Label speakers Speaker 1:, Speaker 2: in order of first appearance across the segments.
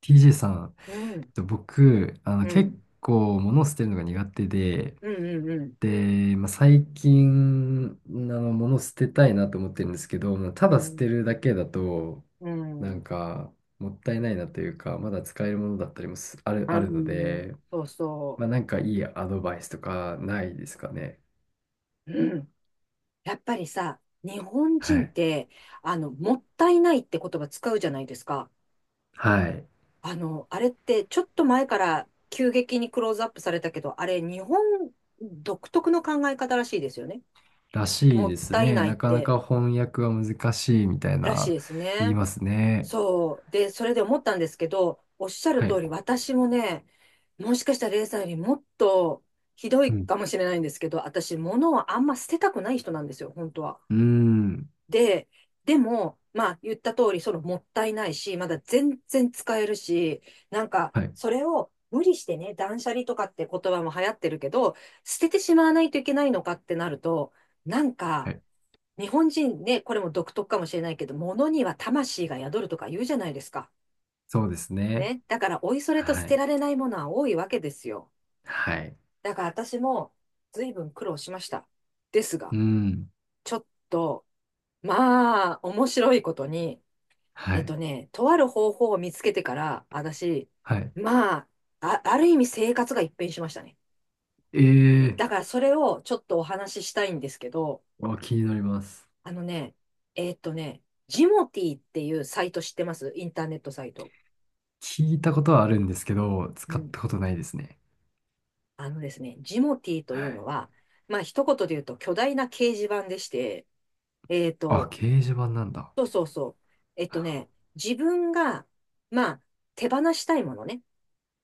Speaker 1: TJ さん、
Speaker 2: うん、
Speaker 1: 僕、
Speaker 2: う
Speaker 1: 結
Speaker 2: ん、
Speaker 1: 構物を捨てるのが苦手で、
Speaker 2: うん、うん、
Speaker 1: で、まあ、最近、物を捨てたいなと思ってるんですけど、まあた
Speaker 2: う
Speaker 1: だ捨て
Speaker 2: ん、
Speaker 1: るだけだと、
Speaker 2: うん、
Speaker 1: な
Speaker 2: う
Speaker 1: ん
Speaker 2: ん
Speaker 1: か、もったいないなというか、まだ使えるものだったりもすある、あるので、
Speaker 2: そうそ
Speaker 1: まあ、なんかいいアドバイスとかないですかね。
Speaker 2: う。うん。やっぱりさ、日本
Speaker 1: は
Speaker 2: 人っ
Speaker 1: い。
Speaker 2: て、もったいないって言葉使うじゃないですか。
Speaker 1: はい。
Speaker 2: あの、あれって、ちょっと前から急激にクローズアップされたけど、あれ、日本独特の考え方らしいですよね。
Speaker 1: らし
Speaker 2: も
Speaker 1: い
Speaker 2: っ
Speaker 1: です
Speaker 2: たい
Speaker 1: ね。
Speaker 2: ない
Speaker 1: な
Speaker 2: っ
Speaker 1: かな
Speaker 2: て、
Speaker 1: か翻訳は難しいみたい
Speaker 2: らしい
Speaker 1: な
Speaker 2: です
Speaker 1: 言い
Speaker 2: ね。
Speaker 1: ますね。
Speaker 2: そう。で、それで思ったんですけど、おっしゃる
Speaker 1: は
Speaker 2: 通
Speaker 1: い。
Speaker 2: り、私もね、もしかしたらレイさんよりもっとひど
Speaker 1: う
Speaker 2: い
Speaker 1: ん。
Speaker 2: かもしれないんですけど、私、物をあんま捨てたくない人なんですよ、本当は。
Speaker 1: うーん。
Speaker 2: で、でも、まあ、言った通り、そのもったいないし、まだ全然使えるし、なんか、
Speaker 1: はい。
Speaker 2: それを無理してね、断捨離とかって言葉も流行ってるけど、捨ててしまわないといけないのかってなると、なん
Speaker 1: は
Speaker 2: か、
Speaker 1: い。
Speaker 2: 日本人ね、これも独特かもしれないけど、物には魂が宿るとか言うじゃないですか。
Speaker 1: そうですね。
Speaker 2: ね。だから、おいそれと捨
Speaker 1: は
Speaker 2: て
Speaker 1: い。
Speaker 2: られないものは多いわけですよ。
Speaker 1: はい。
Speaker 2: だから私も随分苦労しました。ですが、
Speaker 1: うん。
Speaker 2: ちょっと、まあ、面白いことに、
Speaker 1: はい。
Speaker 2: とある方法を見つけてから、私、
Speaker 1: はい。
Speaker 2: まあ、ある意味生活が一変しましたね。
Speaker 1: ええ
Speaker 2: だからそれをちょっとお話ししたいんですけど、
Speaker 1: ー、あ、気になります。
Speaker 2: あのね、えっとね、ジモティーっていうサイト知ってます？インターネットサイト。
Speaker 1: 聞いたことはあるんですけど、
Speaker 2: う
Speaker 1: 使っ
Speaker 2: ん、
Speaker 1: たことないですね。
Speaker 2: あのですね、ジモティーと
Speaker 1: は
Speaker 2: いう
Speaker 1: い。
Speaker 2: のは、まあ一言で言うと巨大な掲示板でして、えっ
Speaker 1: あ、
Speaker 2: と、
Speaker 1: 掲示板なんだ。
Speaker 2: そうそうそう。えっとね、自分が、まあ手放したいものね。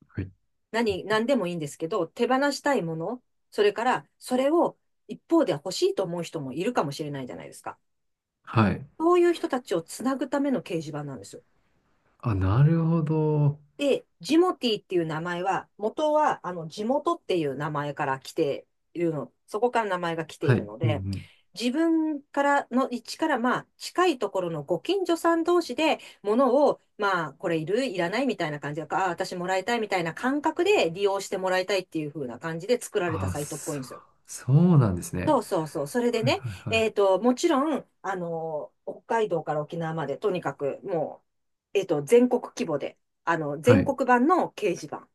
Speaker 1: はい。
Speaker 2: 何でもいいんですけど、手放したいもの、それからそれを一方で欲しいと思う人もいるかもしれないじゃないですか。
Speaker 1: はい。
Speaker 2: そういう人たちをつなぐための掲示板なんですよ。
Speaker 1: あ、なるほど。
Speaker 2: で、ジモティっていう名前は、元は、あの、地元っていう名前から来ているの、そこから名前が来てい
Speaker 1: はい。う
Speaker 2: る
Speaker 1: ん
Speaker 2: の
Speaker 1: う
Speaker 2: で、
Speaker 1: ん。
Speaker 2: 自分からの位置から、まあ、近いところのご近所さん同士で、物を、まあ、これいる、いらないみたいな感じで、ああ、私もらいたいみたいな感覚で利用してもらいたいっていう風な感じで作られた
Speaker 1: あ、
Speaker 2: サイトっぽい
Speaker 1: そ
Speaker 2: ん
Speaker 1: う、
Speaker 2: ですよ。
Speaker 1: そうなんですね。
Speaker 2: そうそうそう。それで
Speaker 1: はい
Speaker 2: ね、
Speaker 1: はいはい。
Speaker 2: えっと、もちろん、あの、北海道から沖縄まで、とにかく、もう、えっと、全国規模で、あの、
Speaker 1: は
Speaker 2: 全
Speaker 1: い。
Speaker 2: 国版の掲示板っ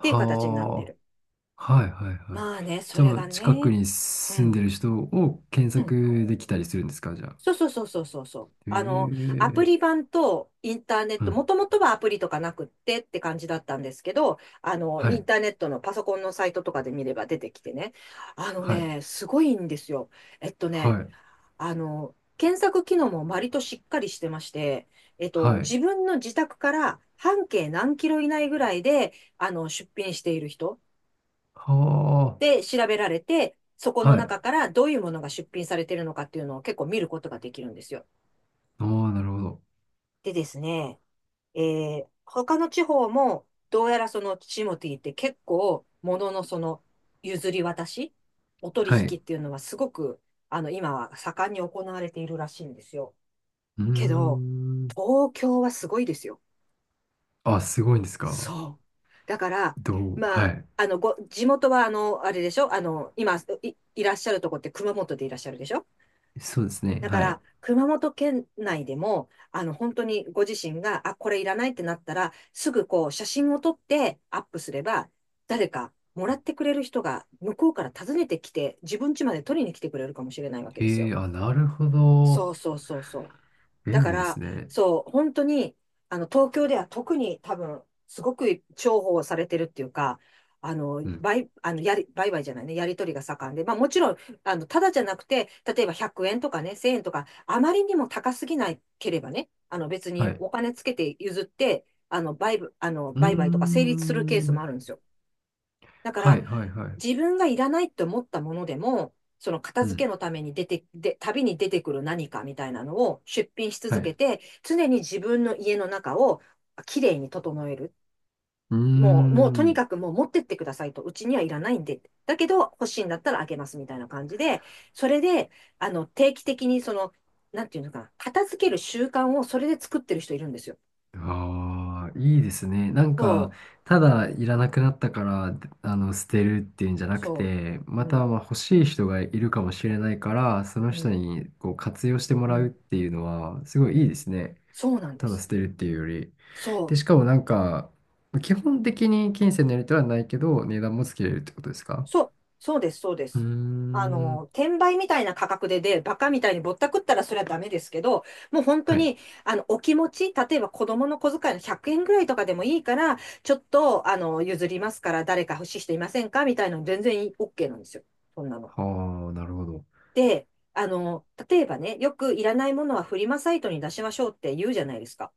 Speaker 2: ていう形になってる。
Speaker 1: あ。はいはいはい。
Speaker 2: まあね、そ
Speaker 1: じゃあ、
Speaker 2: れ
Speaker 1: も
Speaker 2: が
Speaker 1: う近く
Speaker 2: ね、
Speaker 1: に
Speaker 2: う
Speaker 1: 住んで
Speaker 2: ん、
Speaker 1: る人を検
Speaker 2: うん。
Speaker 1: 索できたりするんですか、じゃあ？
Speaker 2: そうそうそうそうそうそう。あの、アプ
Speaker 1: え
Speaker 2: リ
Speaker 1: え。
Speaker 2: 版とインターネッ
Speaker 1: う
Speaker 2: ト、
Speaker 1: ん。
Speaker 2: もともとはアプリとかなくってって感じだったんですけど、あの、
Speaker 1: は
Speaker 2: イン
Speaker 1: い、
Speaker 2: ターネットのパソコンのサイトとかで見れば出てきてね、あの
Speaker 1: はい、
Speaker 2: ね、すごいんですよ。えっと
Speaker 1: は
Speaker 2: ね、
Speaker 1: い、
Speaker 2: あの、検索機能も割としっかりしてまして、えっと、
Speaker 1: はい。
Speaker 2: 自分の自宅から半径何キロ以内ぐらいで、あの、出品している人
Speaker 1: は
Speaker 2: で調べられて、そこ
Speaker 1: あ、
Speaker 2: の
Speaker 1: はい。
Speaker 2: 中からどういうものが出品されているのかっていうのを結構見ることができるんですよ。
Speaker 1: ああ、なるほど。
Speaker 2: でですね、えー、他の地方も、どうやらそのチモティって結構、もののその譲り渡し、お取
Speaker 1: はい。
Speaker 2: 引
Speaker 1: う
Speaker 2: っていうのはすごく、あの、今は盛んに行われているらしいんですよ。
Speaker 1: ー
Speaker 2: けど、
Speaker 1: ん。
Speaker 2: 東京はすごいですよ。
Speaker 1: あ、すごいんですか？
Speaker 2: そう。だから、
Speaker 1: どう、
Speaker 2: ま
Speaker 1: は
Speaker 2: あ、
Speaker 1: い。
Speaker 2: 地元は、あの、あれでしょ、あの、今いらっしゃるとこって熊本でいらっしゃるでしょ？
Speaker 1: そうですね。
Speaker 2: だか
Speaker 1: はい。
Speaker 2: ら、熊本県内でも、あの、本当にご自身が、あ、これいらないってなったら、すぐこう、写真を撮ってアップすれば、誰かもらってくれる人が、向こうから訪ねてきて、自分家まで取りに来てくれるかもしれないわけです
Speaker 1: え
Speaker 2: よ。
Speaker 1: え、あ、なるほど。
Speaker 2: そうそうそうそう。だ
Speaker 1: 便
Speaker 2: か
Speaker 1: 利で
Speaker 2: ら、
Speaker 1: すね。
Speaker 2: そう、本当に、あの、東京では特に多分、すごく重宝されてるっていうか、あの、
Speaker 1: うん。
Speaker 2: 売、あの、やり、売買じゃないね、やり取りが盛んで、まあもちろん、あの、ただじゃなくて、例えば100円とかね、1000円とか、あまりにも高すぎなければね、あの、別
Speaker 1: は
Speaker 2: に
Speaker 1: い。
Speaker 2: お金つけて譲って、あの、
Speaker 1: うー
Speaker 2: 売買とか成立するケースも
Speaker 1: ん。
Speaker 2: あるんですよ。だか
Speaker 1: は
Speaker 2: ら、
Speaker 1: い、はい、はい。
Speaker 2: 自分がいらないって思ったものでも、その片
Speaker 1: う
Speaker 2: 付け
Speaker 1: ん。
Speaker 2: のために出て、で、旅に出てくる何かみたいなのを出品し
Speaker 1: は
Speaker 2: 続
Speaker 1: い。
Speaker 2: けて、常に自分の家の中をきれいに整える。
Speaker 1: うー
Speaker 2: もうとに
Speaker 1: ん。
Speaker 2: かくもう持ってってくださいと、うちにはいらないんで、だけど欲しいんだったらあげますみたいな感じで、それで、あの、定期的にその、なんていうのかな、片付ける習慣をそれで作ってる人いるんですよ。
Speaker 1: ああ、いいですね。なん
Speaker 2: そ
Speaker 1: か、
Speaker 2: う、
Speaker 1: ただいらなくなったから、あの、捨てるっていうんじゃなく
Speaker 2: そ
Speaker 1: て、
Speaker 2: う。
Speaker 1: ま
Speaker 2: う
Speaker 1: た、
Speaker 2: ん、
Speaker 1: まあ、欲しい人がいるかもしれないから、その
Speaker 2: う
Speaker 1: 人
Speaker 2: ん、
Speaker 1: に、こう、活用しても
Speaker 2: う
Speaker 1: らうっ
Speaker 2: ん、
Speaker 1: ていうのは、すご
Speaker 2: う
Speaker 1: いいいで
Speaker 2: ん。
Speaker 1: すね。
Speaker 2: そうなんで
Speaker 1: ただ捨
Speaker 2: す。
Speaker 1: てるっていうより。
Speaker 2: そ
Speaker 1: で、し
Speaker 2: う。
Speaker 1: かもなんか、基本的に金銭のやり取りはないけど、値段もつけれるってことですか？
Speaker 2: そうです、そうで
Speaker 1: うー
Speaker 2: す。あの、
Speaker 1: ん。
Speaker 2: 転売みたいな価格でバカみたいにぼったくったらそれはダメですけど、もう本当
Speaker 1: はい。
Speaker 2: に、あの、お気持ち、例えば子供の小遣いの100円ぐらいとかでもいいから、ちょっと、あの、譲りますから、誰か欲しい人いませんかみたいなの全然OK なんですよ。そんなの。
Speaker 1: はあ、なるほど。
Speaker 2: で、あの、例えばね、よくいらないものはフリマサイトに出しましょうって言うじゃないですか。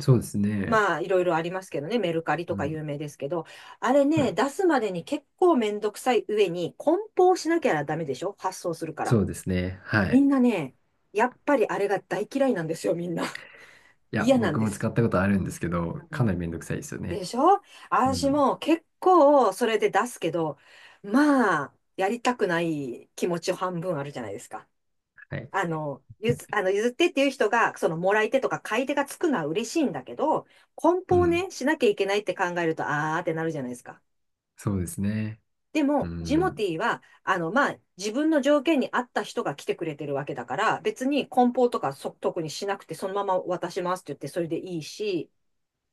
Speaker 1: そうですね。
Speaker 2: まあ、いろいろありますけどね、メルカリと
Speaker 1: う
Speaker 2: か
Speaker 1: ん。
Speaker 2: 有名ですけど、あれ
Speaker 1: は
Speaker 2: ね、
Speaker 1: い。
Speaker 2: 出すまでに結構めんどくさい上に、梱包しなきゃダメでしょ？発送するから。
Speaker 1: そうですね。は
Speaker 2: み
Speaker 1: い。
Speaker 2: んなね、やっぱりあれが大嫌いなんですよ、みんな。
Speaker 1: いや、
Speaker 2: 嫌なん
Speaker 1: 僕
Speaker 2: で
Speaker 1: も
Speaker 2: す。
Speaker 1: 使ったことあるんですけど、
Speaker 2: う
Speaker 1: かなり
Speaker 2: ん、
Speaker 1: めんどくさいですよ
Speaker 2: で
Speaker 1: ね。
Speaker 2: しょ？
Speaker 1: う
Speaker 2: 私
Speaker 1: ん。
Speaker 2: も結構それで出すけど、まあ、やりたくない気持ち半分あるじゃないですか。
Speaker 1: はい。
Speaker 2: あの、ゆず、あの、譲ってっていう人が、その、もらい手とか買い手がつくのは嬉しいんだけど、梱
Speaker 1: う
Speaker 2: 包
Speaker 1: ん。
Speaker 2: ね、しなきゃいけないって考えると、あーってなるじゃないですか。
Speaker 1: そうですね。
Speaker 2: で
Speaker 1: う
Speaker 2: も、ジモ
Speaker 1: ん。
Speaker 2: ティーは、あの、まあ、自分の条件に合った人が来てくれてるわけだから、別に梱包とか特にしなくて、そのまま渡しますって言って、それでいいし、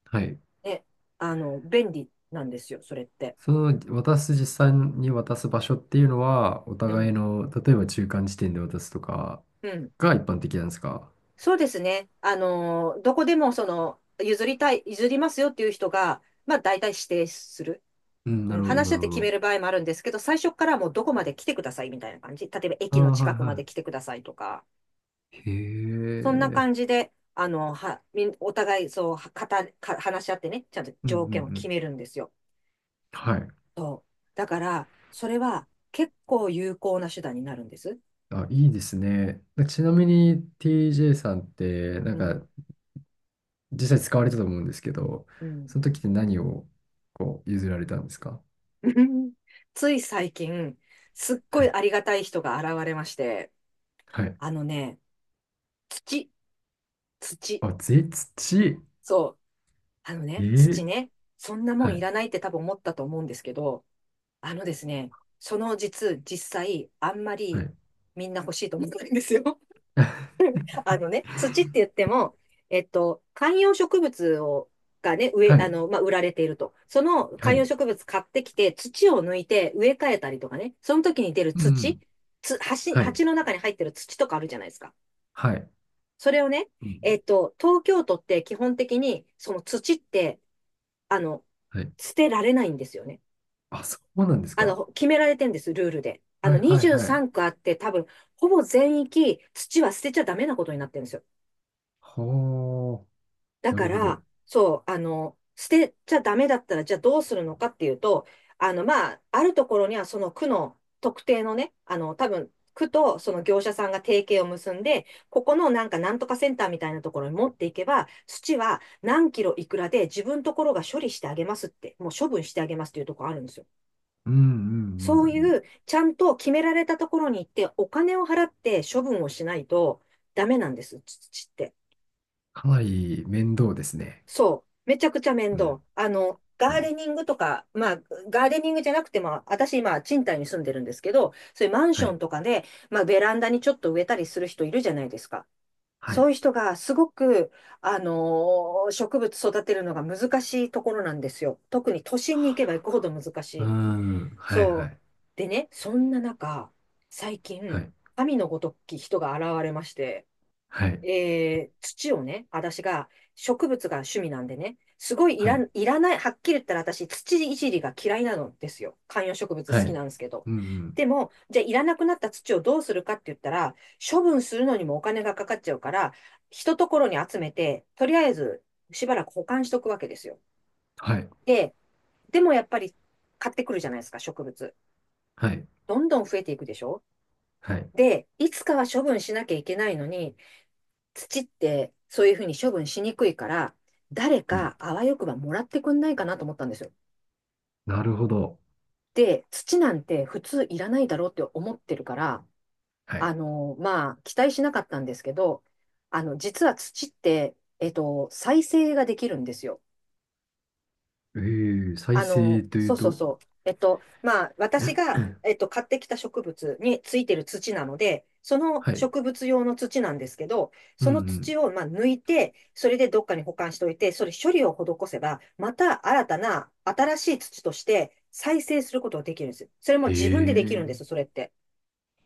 Speaker 1: はい。
Speaker 2: ね、あの、便利なんですよ、それって。
Speaker 1: その、渡す、実際に渡す場所っていうのは、お
Speaker 2: う
Speaker 1: 互い
Speaker 2: ん。
Speaker 1: の、例えば中間地点で渡すとか
Speaker 2: うん。
Speaker 1: が一般的なんですか？
Speaker 2: そうですね。あの、どこでも、その、譲りますよっていう人が、まあ、大体指定する。
Speaker 1: うん、
Speaker 2: う
Speaker 1: な
Speaker 2: ん、
Speaker 1: るほど、
Speaker 2: 話
Speaker 1: な
Speaker 2: し合っ
Speaker 1: るほ
Speaker 2: て決め
Speaker 1: ど。
Speaker 2: る場合もあるんですけど、最初からもうどこまで来てくださいみたいな感じ。例えば
Speaker 1: あ
Speaker 2: 駅の
Speaker 1: あ、
Speaker 2: 近
Speaker 1: はい
Speaker 2: くまで
Speaker 1: は
Speaker 2: 来てくださいとか、
Speaker 1: い。へ
Speaker 2: そんな感
Speaker 1: え。
Speaker 2: じで、お互いそう、はかた、か、話し合ってね、ちゃんと
Speaker 1: うんうん
Speaker 2: 条
Speaker 1: う
Speaker 2: 件を決
Speaker 1: ん。
Speaker 2: めるんですよ。
Speaker 1: はい。
Speaker 2: そう。だから、それは結構有効な手段になるんです。
Speaker 1: あ、いいですね。ちなみに TJ さんって、な
Speaker 2: う
Speaker 1: ん
Speaker 2: ん。
Speaker 1: か、実際使われたと思うんですけど、
Speaker 2: うん。
Speaker 1: その時って何をこう譲られたんですか？
Speaker 2: つい最近、すっご
Speaker 1: は
Speaker 2: い
Speaker 1: い。
Speaker 2: ありがたい人が現れまして、
Speaker 1: はい。
Speaker 2: あのね、土、土。
Speaker 1: あ、土。
Speaker 2: そう。あの
Speaker 1: え
Speaker 2: ね、土
Speaker 1: ー、
Speaker 2: ね、そんなも
Speaker 1: は
Speaker 2: んい
Speaker 1: い。
Speaker 2: らないって多分思ったと思うんですけど、あのですね、その実際、あんま
Speaker 1: は
Speaker 2: り
Speaker 1: い。
Speaker 2: みんな欲しいと思ってないんですよ。あのね、土って言っても、観葉植物がね、植え、
Speaker 1: は
Speaker 2: あ
Speaker 1: い。
Speaker 2: の、まあ、売られていると。その
Speaker 1: は
Speaker 2: 観葉
Speaker 1: い。
Speaker 2: 植物買ってきて、土を抜いて植え替えたりとかね、その時に出る
Speaker 1: う
Speaker 2: 土、
Speaker 1: ん。はい。
Speaker 2: 鉢の中に入ってる土とかあるじゃないですか。
Speaker 1: はい。
Speaker 2: それをね、
Speaker 1: うん。
Speaker 2: 東京都って基本的に、その土って、あの、
Speaker 1: はい。
Speaker 2: 捨てられないんですよね。
Speaker 1: あ、そうなんですか？
Speaker 2: 決められてんです、ルールで。
Speaker 1: はいはいはい。
Speaker 2: 23区あって多分、ほぼ全域土は捨てちゃダメなことになってるんですよ。
Speaker 1: はあ。
Speaker 2: だ
Speaker 1: な
Speaker 2: か
Speaker 1: るほど。
Speaker 2: ら、そう、捨てちゃダメだったら、じゃあどうするのかっていうと、あるところにはその区の特定のね、多分、区とその業者さんが提携を結んで、ここのなんかなんとかセンターみたいなところに持っていけば、土は何キロいくらで自分ところが処理してあげますって、もう処分してあげますっていうところあるんですよ。
Speaker 1: うんうんうん
Speaker 2: そう
Speaker 1: うん。
Speaker 2: いう、ちゃんと決められたところに行って、お金を払って処分をしないとダメなんです、土って。
Speaker 1: かなり面倒ですね。
Speaker 2: そう。めちゃくちゃ面
Speaker 1: う
Speaker 2: 倒。
Speaker 1: ん。
Speaker 2: ガ
Speaker 1: う
Speaker 2: ー
Speaker 1: ん。
Speaker 2: デニングとか、ガーデニングじゃなくても、私今、賃貸に住んでるんですけど、そういうマン
Speaker 1: は
Speaker 2: ション
Speaker 1: い。
Speaker 2: とかで、ベランダにちょっと植えたりする人いるじゃないですか。
Speaker 1: はい。な
Speaker 2: そう
Speaker 1: る
Speaker 2: いう人がすごく、植物育てるのが難しいところなんですよ。特に都心に行けば行くほど難し
Speaker 1: ほど。う
Speaker 2: い。
Speaker 1: ーん。はい
Speaker 2: そ
Speaker 1: は
Speaker 2: う。
Speaker 1: い。
Speaker 2: でね、そんな中、最
Speaker 1: は
Speaker 2: 近、
Speaker 1: い。
Speaker 2: 神のごとき人が現れまして、
Speaker 1: はい。
Speaker 2: 土をね、私が植物が趣味なんでね、すごい
Speaker 1: はい。
Speaker 2: いらない、はっきり言ったら私、土いじりが嫌いなのですよ。観葉植物
Speaker 1: は
Speaker 2: 好き
Speaker 1: い。
Speaker 2: なんですけど。
Speaker 1: うんうん。
Speaker 2: でも、じゃあいらなくなった土をどうするかって言ったら、処分するのにもお金がかかっちゃうから、一ところに集めて、とりあえずしばらく保管しとくわけですよ。
Speaker 1: はい。
Speaker 2: で、でもやっぱり買ってくるじゃないですか、植物。
Speaker 1: はい。
Speaker 2: どんどん増えていくでしょ？
Speaker 1: はい。
Speaker 2: で、いつかは処分しなきゃいけないのに、土ってそういうふうに処分しにくいから、誰
Speaker 1: うん。
Speaker 2: かあわよくばもらってくんないかなと思ったんですよ。
Speaker 1: なるほど。
Speaker 2: で、土なんて普通いらないだろうって思ってるから、
Speaker 1: うん。はい。
Speaker 2: 期待しなかったんですけど、実は土って、再生ができるんですよ。
Speaker 1: えー、再生とい
Speaker 2: そ
Speaker 1: う
Speaker 2: うそう
Speaker 1: と？
Speaker 2: そう。私 が、買ってきた植物についてる土なので、その
Speaker 1: はい。
Speaker 2: 植物用の土なんですけど、
Speaker 1: うん
Speaker 2: そ
Speaker 1: う
Speaker 2: の
Speaker 1: ん。
Speaker 2: 土を、抜いて、それでどっかに保管しておいて、それ処理を施せば、また新たな新しい土として再生することができるんです。それ
Speaker 1: へ
Speaker 2: も自分でできるんで
Speaker 1: え。
Speaker 2: す、それって。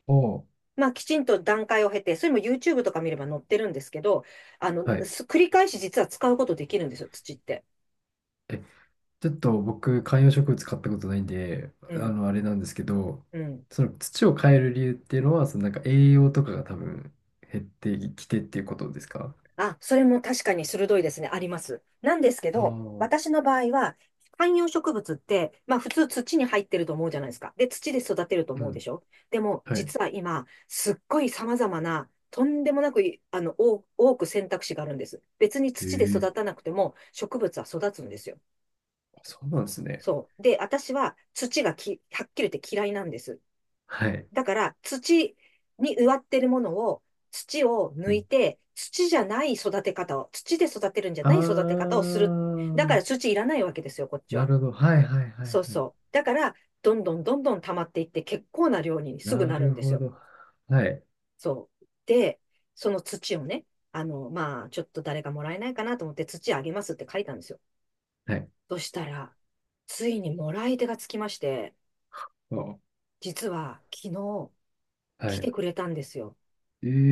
Speaker 1: おー。
Speaker 2: きちんと段階を経て、それも YouTube とか見れば載ってるんですけど、
Speaker 1: はい。
Speaker 2: 繰り返し実は使うことできるんですよ、土って。
Speaker 1: え、ちょっと僕、観葉植物買ったことないんで、
Speaker 2: う
Speaker 1: あ
Speaker 2: ん。
Speaker 1: の、あれなんですけど、
Speaker 2: うん。
Speaker 1: その土を変える理由っていうのは、そのなんか栄養とかが多分減ってきてっていうことですか？
Speaker 2: あ、それも確かに鋭いですね。あります。なんですけ
Speaker 1: ああ
Speaker 2: ど、
Speaker 1: ー、
Speaker 2: 私の場合は、観葉植物って、普通土に入ってると思うじゃないですか。で、土で育てると
Speaker 1: う
Speaker 2: 思うで
Speaker 1: ん。
Speaker 2: しょ。でも、
Speaker 1: はい。
Speaker 2: 実は今、すっごい様々な、とんでもなくい、あの、多多く選択肢があるんです。別に
Speaker 1: え
Speaker 2: 土で
Speaker 1: え。
Speaker 2: 育たなくても、植物は育つんですよ。
Speaker 1: あ、そうなんですね。
Speaker 2: そう。で、私は土がき、はっきり言って嫌いなんです。
Speaker 1: はい。
Speaker 2: だから土に植わってるものを、土を
Speaker 1: う
Speaker 2: 抜い
Speaker 1: ん。
Speaker 2: て、土じゃない育て方を、土で育てるんじゃ
Speaker 1: あ
Speaker 2: ない育て方をする。だか
Speaker 1: ー、
Speaker 2: ら土いらないわけですよ、こっち
Speaker 1: な
Speaker 2: は。
Speaker 1: るほど。はいはいはい
Speaker 2: そう
Speaker 1: はい。
Speaker 2: そう。だから、どんどんどんどん溜まっていって、結構な量にすぐ
Speaker 1: な
Speaker 2: なるん
Speaker 1: る
Speaker 2: です
Speaker 1: ほ
Speaker 2: よ。
Speaker 1: ど。はい。
Speaker 2: そう。で、その土をね、ちょっと誰かもらえないかなと思って、土あげますって書いたんですよ。
Speaker 1: はい。
Speaker 2: そしたら、ついにもらい手がつきまして、
Speaker 1: お、
Speaker 2: 実は昨日
Speaker 1: は
Speaker 2: 来て
Speaker 1: い。
Speaker 2: くれたんですよ。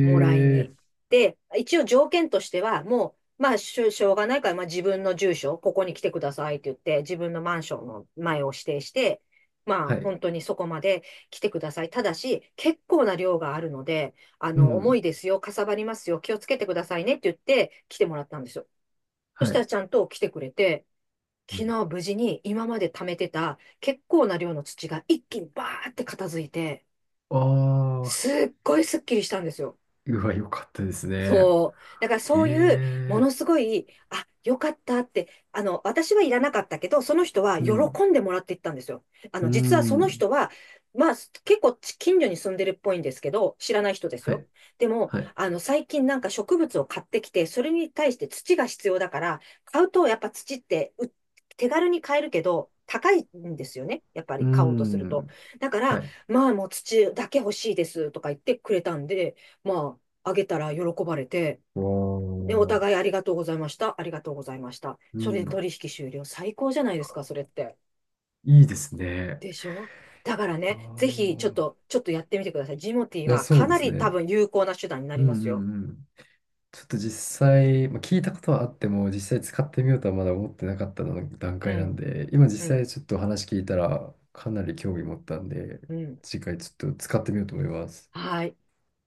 Speaker 2: もらいに。
Speaker 1: え。
Speaker 2: で、一応条件としては、もう、しょうがないから、自分の住所、ここに来てくださいって言って、自分のマンションの前を指定して、
Speaker 1: はい。
Speaker 2: 本当にそこまで来てください。ただし、結構な量があるので、
Speaker 1: う
Speaker 2: 重
Speaker 1: ん。
Speaker 2: いですよ、かさばりますよ、気をつけてくださいねって言って、来てもらったんですよ。そ
Speaker 1: は
Speaker 2: した
Speaker 1: い。
Speaker 2: らちゃんと来てくれて、
Speaker 1: う。
Speaker 2: 昨日無事に今まで貯めてた結構な量の土が一気にバーって片付いて、
Speaker 1: ああ
Speaker 2: すっごいスッキリしたんですよ。
Speaker 1: ー、うわ、よかったですね。
Speaker 2: そう。だから
Speaker 1: へ
Speaker 2: そういう、も
Speaker 1: え。
Speaker 2: のすごい、あ、よかったって、私はいらなかったけど、その人は
Speaker 1: うん。
Speaker 2: 喜んでもらっていったんですよ。
Speaker 1: う
Speaker 2: 実はその
Speaker 1: ん。
Speaker 2: 人は、まあ、結構近所に住んでるっぽいんですけど、知らない人です
Speaker 1: は
Speaker 2: よ。
Speaker 1: い。
Speaker 2: でも、
Speaker 1: はい。
Speaker 2: 最近なんか植物を買ってきて、それに対して土が必要だから、買うとやっぱ土って手軽に買えるけど、高いんですよね。やっぱ
Speaker 1: う
Speaker 2: り買おうとすると。
Speaker 1: ん。
Speaker 2: だか
Speaker 1: は
Speaker 2: ら、
Speaker 1: い。
Speaker 2: もう土だけ欲しいですとか言ってくれたんで、まあ、あげたら喜ばれて、で、お
Speaker 1: わあ。
Speaker 2: 互いありがとうございました、ありがとうございました。
Speaker 1: う
Speaker 2: それで
Speaker 1: ん。
Speaker 2: 取引終了。最高じゃないですか、それって。
Speaker 1: いいですね。
Speaker 2: でしょ？だから
Speaker 1: あ
Speaker 2: ね、ぜひ、
Speaker 1: あ。
Speaker 2: ちょっとやってみてください。ジモティー
Speaker 1: いや、
Speaker 2: は
Speaker 1: そ
Speaker 2: か
Speaker 1: うで
Speaker 2: な
Speaker 1: す
Speaker 2: り多
Speaker 1: ね。
Speaker 2: 分有効な手段にな
Speaker 1: う
Speaker 2: り
Speaker 1: んう
Speaker 2: ますよ。
Speaker 1: んうん。ちょっと実際、まあ、聞いたことはあっても、実際使ってみようとはまだ思ってなかったの段
Speaker 2: う
Speaker 1: 階なん
Speaker 2: ん、
Speaker 1: で、今実
Speaker 2: う
Speaker 1: 際
Speaker 2: ん、
Speaker 1: ちょっと話聞いたら、かなり興味持ったんで、
Speaker 2: うん。
Speaker 1: 次回ちょっと使ってみようと思います。
Speaker 2: はい。